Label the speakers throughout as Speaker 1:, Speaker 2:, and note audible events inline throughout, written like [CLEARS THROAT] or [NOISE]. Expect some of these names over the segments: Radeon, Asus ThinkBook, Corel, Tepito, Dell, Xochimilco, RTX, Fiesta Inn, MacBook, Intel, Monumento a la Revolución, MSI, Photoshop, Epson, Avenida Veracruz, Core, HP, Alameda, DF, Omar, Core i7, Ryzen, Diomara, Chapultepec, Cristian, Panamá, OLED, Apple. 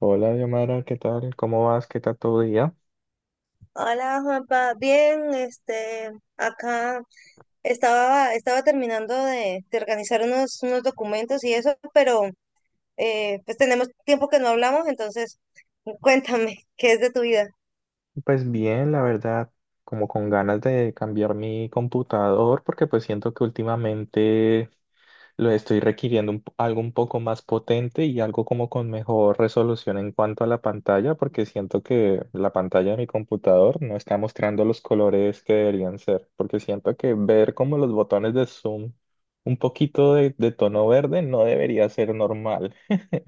Speaker 1: Hola, Diomara, ¿qué tal? ¿Cómo vas? ¿Qué tal tu día?
Speaker 2: Hola Juanpa, bien, acá estaba, terminando de organizar unos documentos y eso, pero pues tenemos tiempo que no hablamos, entonces cuéntame, [LAUGHS] ¿qué es de tu vida?
Speaker 1: Pues bien, la verdad, como con ganas de cambiar mi computador porque pues siento que últimamente lo estoy requiriendo algo un poco más potente y algo como con mejor resolución en cuanto a la pantalla porque siento que la pantalla de mi computador no está mostrando los colores que deberían ser porque siento que ver como los botones de zoom un poquito de tono verde no debería ser normal.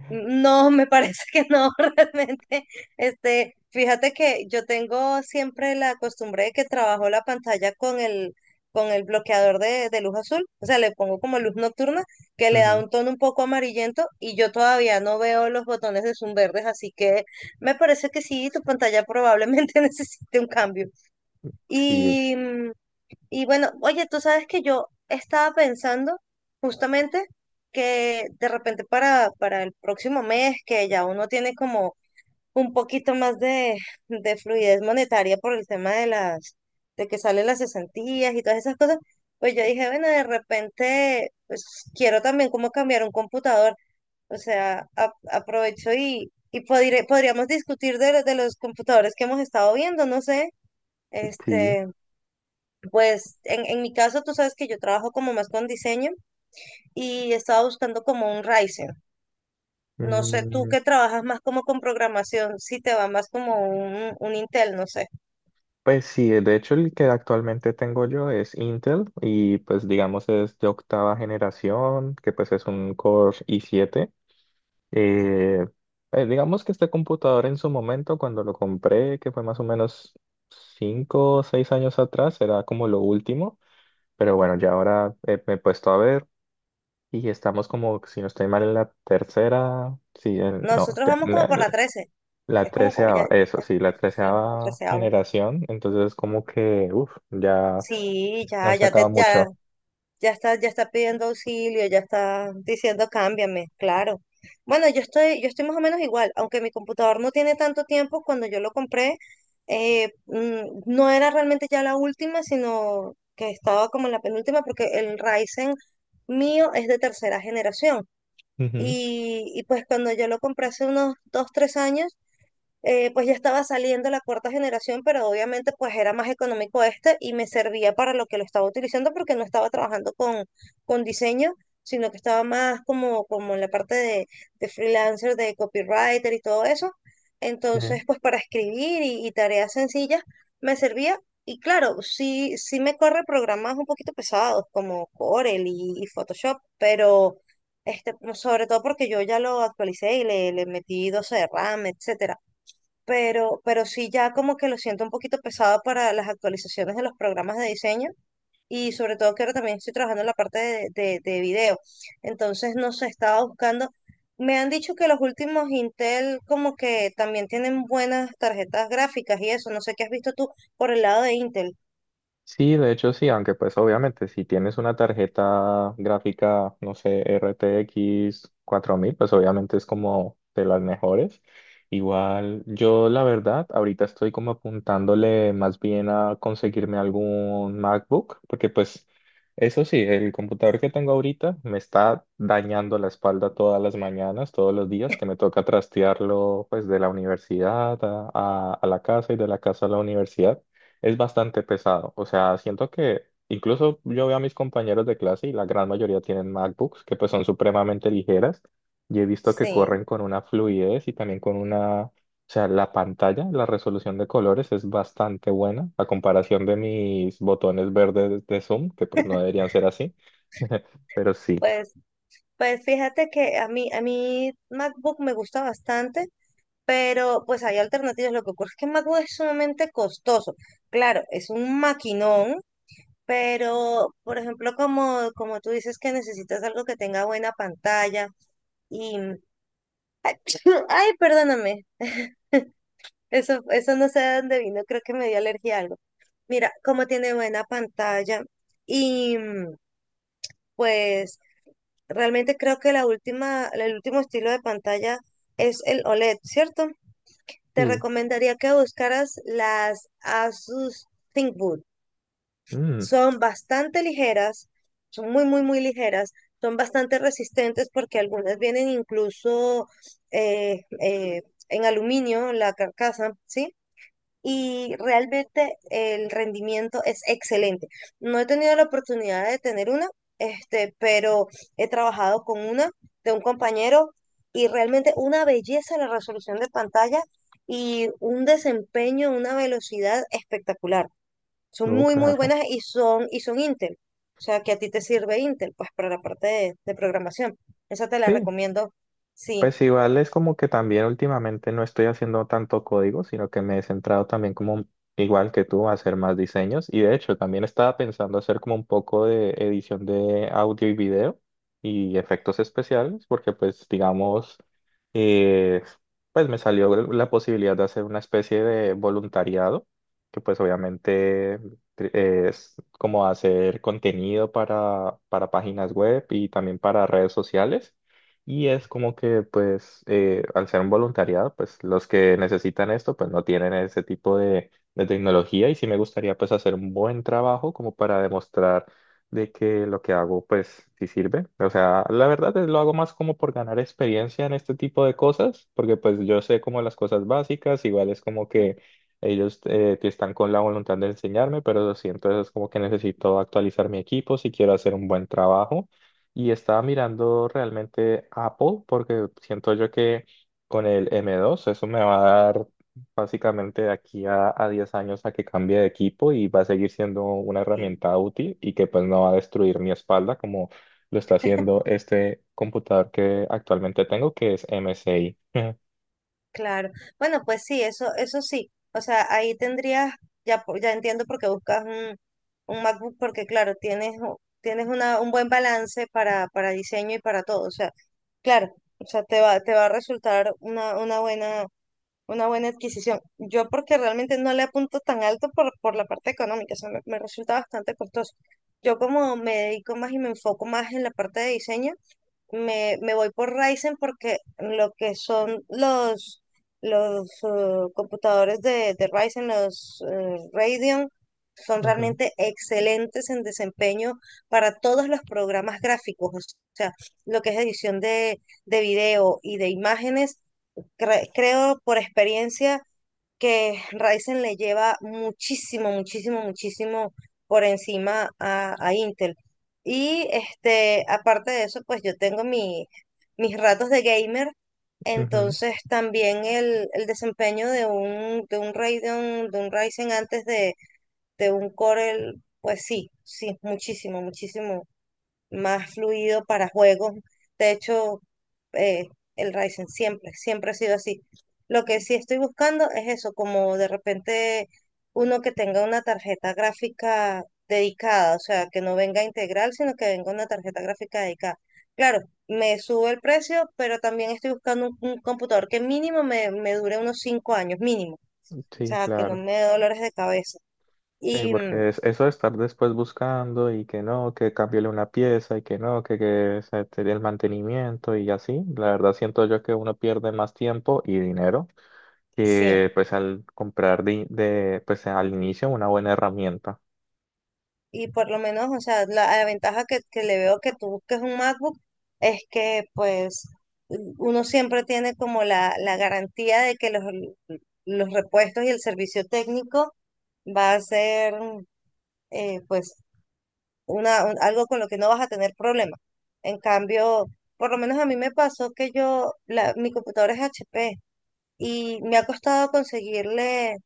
Speaker 2: No, me parece que no, [LAUGHS] realmente. Fíjate que yo tengo siempre la costumbre de que trabajo la pantalla con el bloqueador de luz azul, o sea, le pongo como luz nocturna, que le da
Speaker 1: Ujú.
Speaker 2: un tono un poco amarillento y yo todavía no veo los botones de zoom verdes, así que me parece que sí, tu pantalla probablemente [LAUGHS] necesite un cambio.
Speaker 1: Sí,
Speaker 2: Y, mm, y bueno, oye, tú sabes que yo estaba pensando justamente que de repente para el próximo mes, que ya uno tiene como un poquito más de fluidez monetaria por el tema de de que salen las cesantías y todas esas cosas. Pues yo dije, bueno, de repente, pues quiero también como cambiar un computador. O sea, aprovecho y podríamos discutir de los computadores que hemos estado viendo, no sé,
Speaker 1: sí.
Speaker 2: este. Pues en mi caso, tú sabes que yo trabajo como más con diseño y estaba buscando como un Ryzen. No sé, tú
Speaker 1: Mm,
Speaker 2: que trabajas más como con programación, si te va más como un Intel, no sé.
Speaker 1: Pues sí, de hecho el que actualmente tengo yo es Intel y pues digamos es de octava generación, que pues es un Core i7. Eh, digamos que este computador en su momento cuando lo compré, que fue más o menos cinco o 6 años atrás, era como lo último, pero bueno, ya ahora me he puesto a ver y estamos como, si no estoy mal, en la tercera. Sí, no.
Speaker 2: Nosotros vamos como por la 13.
Speaker 1: La
Speaker 2: Es como, como ya,
Speaker 1: treceava, eso
Speaker 2: ya
Speaker 1: sí, la
Speaker 2: 13, sí, la
Speaker 1: treceava
Speaker 2: 13.
Speaker 1: generación, entonces como que, uff, ya
Speaker 2: Sí, ya,
Speaker 1: han
Speaker 2: ya,
Speaker 1: sacado
Speaker 2: ya
Speaker 1: mucho.
Speaker 2: ya está, ya está pidiendo auxilio, ya está diciendo cámbiame, claro. Bueno, yo estoy más o menos igual, aunque mi computador no tiene tanto tiempo. Cuando yo lo compré, no era realmente ya la última, sino que estaba como en la penúltima, porque el Ryzen mío es de 3.ª generación.
Speaker 1: Ujú.
Speaker 2: Y, y pues cuando yo lo compré hace unos dos, tres años, pues ya estaba saliendo la 4.ª generación, pero obviamente pues era más económico este y me servía para lo que lo estaba utilizando, porque no estaba trabajando con diseño, sino que estaba más como, como en la parte de freelancer, de copywriter y todo eso.
Speaker 1: Sí.
Speaker 2: Entonces pues para escribir y tareas sencillas me servía. Y claro, sí, sí me corre programas un poquito pesados como Corel y Photoshop, pero este, sobre todo porque yo ya lo actualicé y le metí 12 de RAM, etcétera, pero sí ya como que lo siento un poquito pesado para las actualizaciones de los programas de diseño, y sobre todo que ahora también estoy trabajando en la parte de video. Entonces, no sé, estaba buscando. Me han dicho que los últimos Intel como que también tienen buenas tarjetas gráficas y eso. No sé qué has visto tú por el lado de Intel.
Speaker 1: Sí, de hecho sí, aunque pues obviamente si tienes una tarjeta gráfica, no sé, RTX 1000 pues obviamente es como de las mejores. Igual yo la verdad, ahorita estoy como apuntándole más bien a conseguirme algún MacBook, porque pues eso sí, el computador que tengo ahorita me está dañando la espalda todas las mañanas, todos los días, que me toca trastearlo pues de la universidad a la casa y de la casa a la universidad es bastante pesado. O sea, siento que incluso yo veo a mis compañeros de clase y la gran mayoría tienen MacBooks que pues son supremamente ligeras y he visto que
Speaker 2: Sí,
Speaker 1: corren con una fluidez y también con una, o sea, la pantalla, la resolución de colores es bastante buena a comparación de mis botones verdes de Zoom, que pues no deberían ser así, [LAUGHS] pero sí.
Speaker 2: pues, pues fíjate que a mí MacBook me gusta bastante. Pero pues hay alternativas. Lo que ocurre es que MacBook es sumamente costoso. Claro, es un maquinón. Pero, por ejemplo, como, como tú dices que necesitas algo que tenga buena pantalla y... [CLEARS THROAT] Ay, perdóname, eso no sé de dónde vino, creo que me dio alergia a algo. Mira, como tiene buena pantalla y mm, pues realmente creo que la última, el último estilo de pantalla es el OLED, ¿cierto? Te
Speaker 1: Sí.
Speaker 2: recomendaría que buscaras las Asus ThinkBook.
Speaker 1: Mm,
Speaker 2: Son bastante ligeras, son muy, muy, muy ligeras, son bastante resistentes porque algunas vienen incluso eh, eh, en aluminio, la carcasa, ¿sí? Y realmente el rendimiento es excelente. No he tenido la oportunidad de tener una, este, pero he trabajado con una de un compañero y realmente una belleza la resolución de pantalla y un desempeño, una velocidad espectacular. Son
Speaker 1: no,
Speaker 2: muy, muy
Speaker 1: claro.
Speaker 2: buenas y son Intel. O sea, que a ti te sirve Intel, pues para la parte de programación. Esa te la
Speaker 1: Sí.
Speaker 2: recomiendo, sí.
Speaker 1: Pues igual es como que también últimamente no estoy haciendo tanto código, sino que me he centrado también como igual que tú a hacer más diseños y de hecho también estaba pensando hacer como un poco de edición de audio y video y efectos especiales porque pues digamos eh, pues me salió la posibilidad de hacer una especie de voluntariado que pues obviamente es como hacer contenido para páginas web y también para redes sociales. Y es como que, pues, al ser un voluntariado, pues los que necesitan esto, pues no tienen ese tipo de tecnología y sí me gustaría, pues, hacer un buen trabajo como para demostrar de que lo que hago, pues, sí sirve. O sea, la verdad es lo hago más como por ganar experiencia en este tipo de cosas, porque, pues, yo sé como las cosas básicas, igual es como
Speaker 2: Ujú.
Speaker 1: que ellos que están con la voluntad de enseñarme, pero sí, entonces es como que necesito actualizar mi equipo si quiero hacer un buen trabajo. Y estaba mirando realmente Apple porque siento yo que con el M2 eso me va a dar básicamente de aquí a 10 años a que cambie de equipo y va a seguir siendo una
Speaker 2: Sí,
Speaker 1: herramienta útil y que pues no va a destruir mi espalda como lo está haciendo este computador que actualmente tengo que es MSI. Ujú.
Speaker 2: claro. Bueno, pues sí, eso sí. O sea, ahí tendrías, ya, ya entiendo por qué buscas un MacBook, porque claro, tienes, tienes un buen balance para diseño y para todo. O sea, claro, o sea, te va a resultar una buena, una buena adquisición. Yo porque realmente no le apunto tan alto por la parte económica, o sea, me resulta bastante costoso. Yo como me dedico más y me enfoco más en la parte de diseño, me voy por Ryzen, porque lo que son los computadores de Ryzen, los Radeon, son
Speaker 1: [LAUGHS] Ujú,
Speaker 2: realmente excelentes en desempeño para todos los programas gráficos, o sea, lo que es edición de video y de imágenes, creo por experiencia que Ryzen le lleva muchísimo, muchísimo, muchísimo por encima a Intel. Y este, aparte de eso, pues yo tengo mi, mis ratos de gamer,
Speaker 1: ujú.
Speaker 2: entonces también el desempeño de un Radeon, de un Ryzen antes de un Core, pues sí, sí, muchísimo, muchísimo más fluido para juegos. De hecho, eh, el Ryzen siempre, siempre ha sido así. Lo que sí estoy buscando es eso, como de repente uno que tenga una tarjeta gráfica dedicada, o sea, que no venga integral, sino que venga una tarjeta gráfica dedicada. Claro, me sube el precio, pero también estoy buscando un computador que mínimo me, me dure unos 5 años, mínimo. O
Speaker 1: Sí,
Speaker 2: sea, que no
Speaker 1: claro.
Speaker 2: me dé dolores de cabeza.
Speaker 1: Sí,
Speaker 2: Y mm,
Speaker 1: porque es, eso de estar después buscando y que no, que cámbiale una pieza y que no, que se te dé el mantenimiento y así, la verdad siento yo que uno pierde más tiempo y dinero
Speaker 2: sí,
Speaker 1: que pues al comprar pues al inicio una buena herramienta.
Speaker 2: y por lo menos, o sea, la ventaja que le veo que tú busques un MacBook es que pues uno siempre tiene como la garantía de que los repuestos y el servicio técnico va a ser pues una, algo con lo que no vas a tener problema. En cambio, por lo menos a mí me pasó que yo, la, mi computadora es HP y me ha costado conseguirle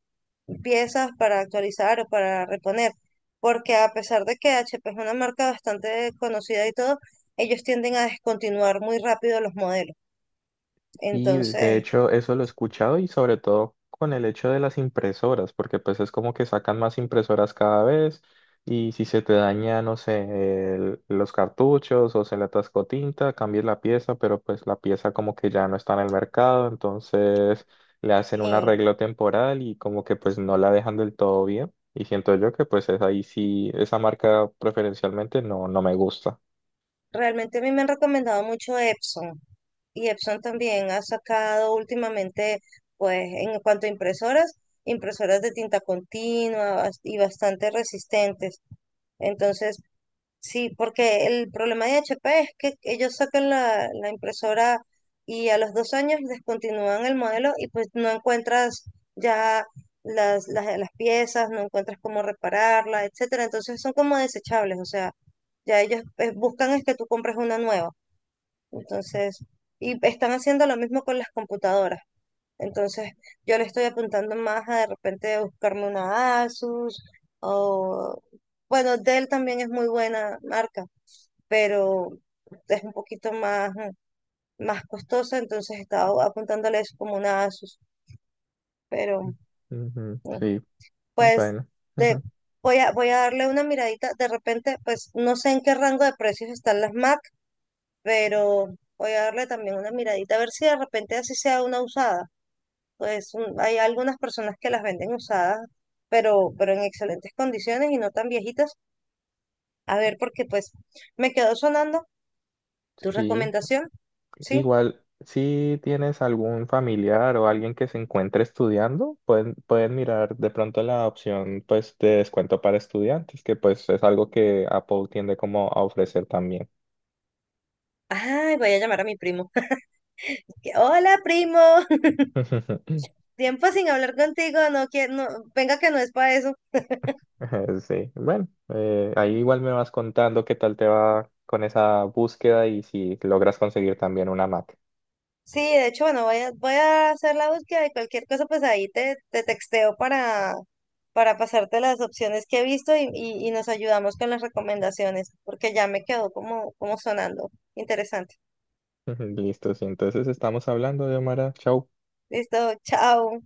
Speaker 2: piezas para actualizar o para reponer, porque a pesar de que HP es una marca bastante conocida y todo, ellos tienden a descontinuar muy rápido los modelos.
Speaker 1: Y de
Speaker 2: Entonces,
Speaker 1: hecho eso lo he escuchado y sobre todo con el hecho de las impresoras, porque pues es como que sacan más impresoras cada vez y si se te daña, no sé, los cartuchos o se le atascó tinta, cambies la pieza, pero pues la pieza como que ya no está en el mercado, entonces le hacen
Speaker 2: sí,
Speaker 1: un arreglo temporal y como que pues no la dejan del todo bien. Y siento yo que pues es ahí sí, esa marca preferencialmente no, no me gusta.
Speaker 2: realmente a mí me han recomendado mucho Epson, y Epson también ha sacado últimamente, pues en cuanto a impresoras, impresoras de tinta continua y bastante resistentes. Entonces, sí, porque el problema de HP es que ellos sacan la impresora y a los 2 años descontinúan el modelo y pues no encuentras ya las piezas, no encuentras cómo repararla, etcétera. Entonces son como desechables, o sea, ya ellos buscan es que tú compres una nueva. Entonces, y están haciendo lo mismo con las computadoras. Entonces, yo le estoy apuntando más a de repente buscarme una Asus o, bueno, Dell también es muy buena marca, pero es un poquito más, mm, más costosa, entonces estaba apuntándole eso como una Asus, pero
Speaker 1: Ujú, sí,
Speaker 2: pues
Speaker 1: bueno.
Speaker 2: te,
Speaker 1: Ujú.
Speaker 2: voy a, voy a darle una miradita, de repente pues no sé en qué rango de precios están las Mac, pero voy a darle también una miradita, a ver si de repente así sea una usada, pues hay algunas personas que las venden usadas. Pero en excelentes condiciones y no tan viejitas. A ver, porque pues me quedó sonando tu
Speaker 1: Sí.
Speaker 2: recomendación, ¿sí?
Speaker 1: Igual, si tienes algún familiar o alguien que se encuentre estudiando, pueden mirar de pronto la opción pues de descuento para estudiantes, que pues es algo que Apple tiende como a ofrecer también.
Speaker 2: Ay, voy a llamar a mi primo. Hola, primo. [LAUGHS]
Speaker 1: [LAUGHS]
Speaker 2: Tiempo sin hablar contigo. No, que, no, venga que no es para eso.
Speaker 1: Sí, bueno, ahí igual me vas contando qué tal te va con esa búsqueda y si logras conseguir también una Mac.
Speaker 2: Sí, de hecho, bueno, voy a, voy a hacer la búsqueda de cualquier cosa, pues ahí te, te texteo para pasarte las opciones que he visto y nos ayudamos con las recomendaciones, porque ya me quedó como, como sonando interesante.
Speaker 1: [LAUGHS] Listo, sí, entonces estamos hablando de Omar. Chau.
Speaker 2: Listo, chao.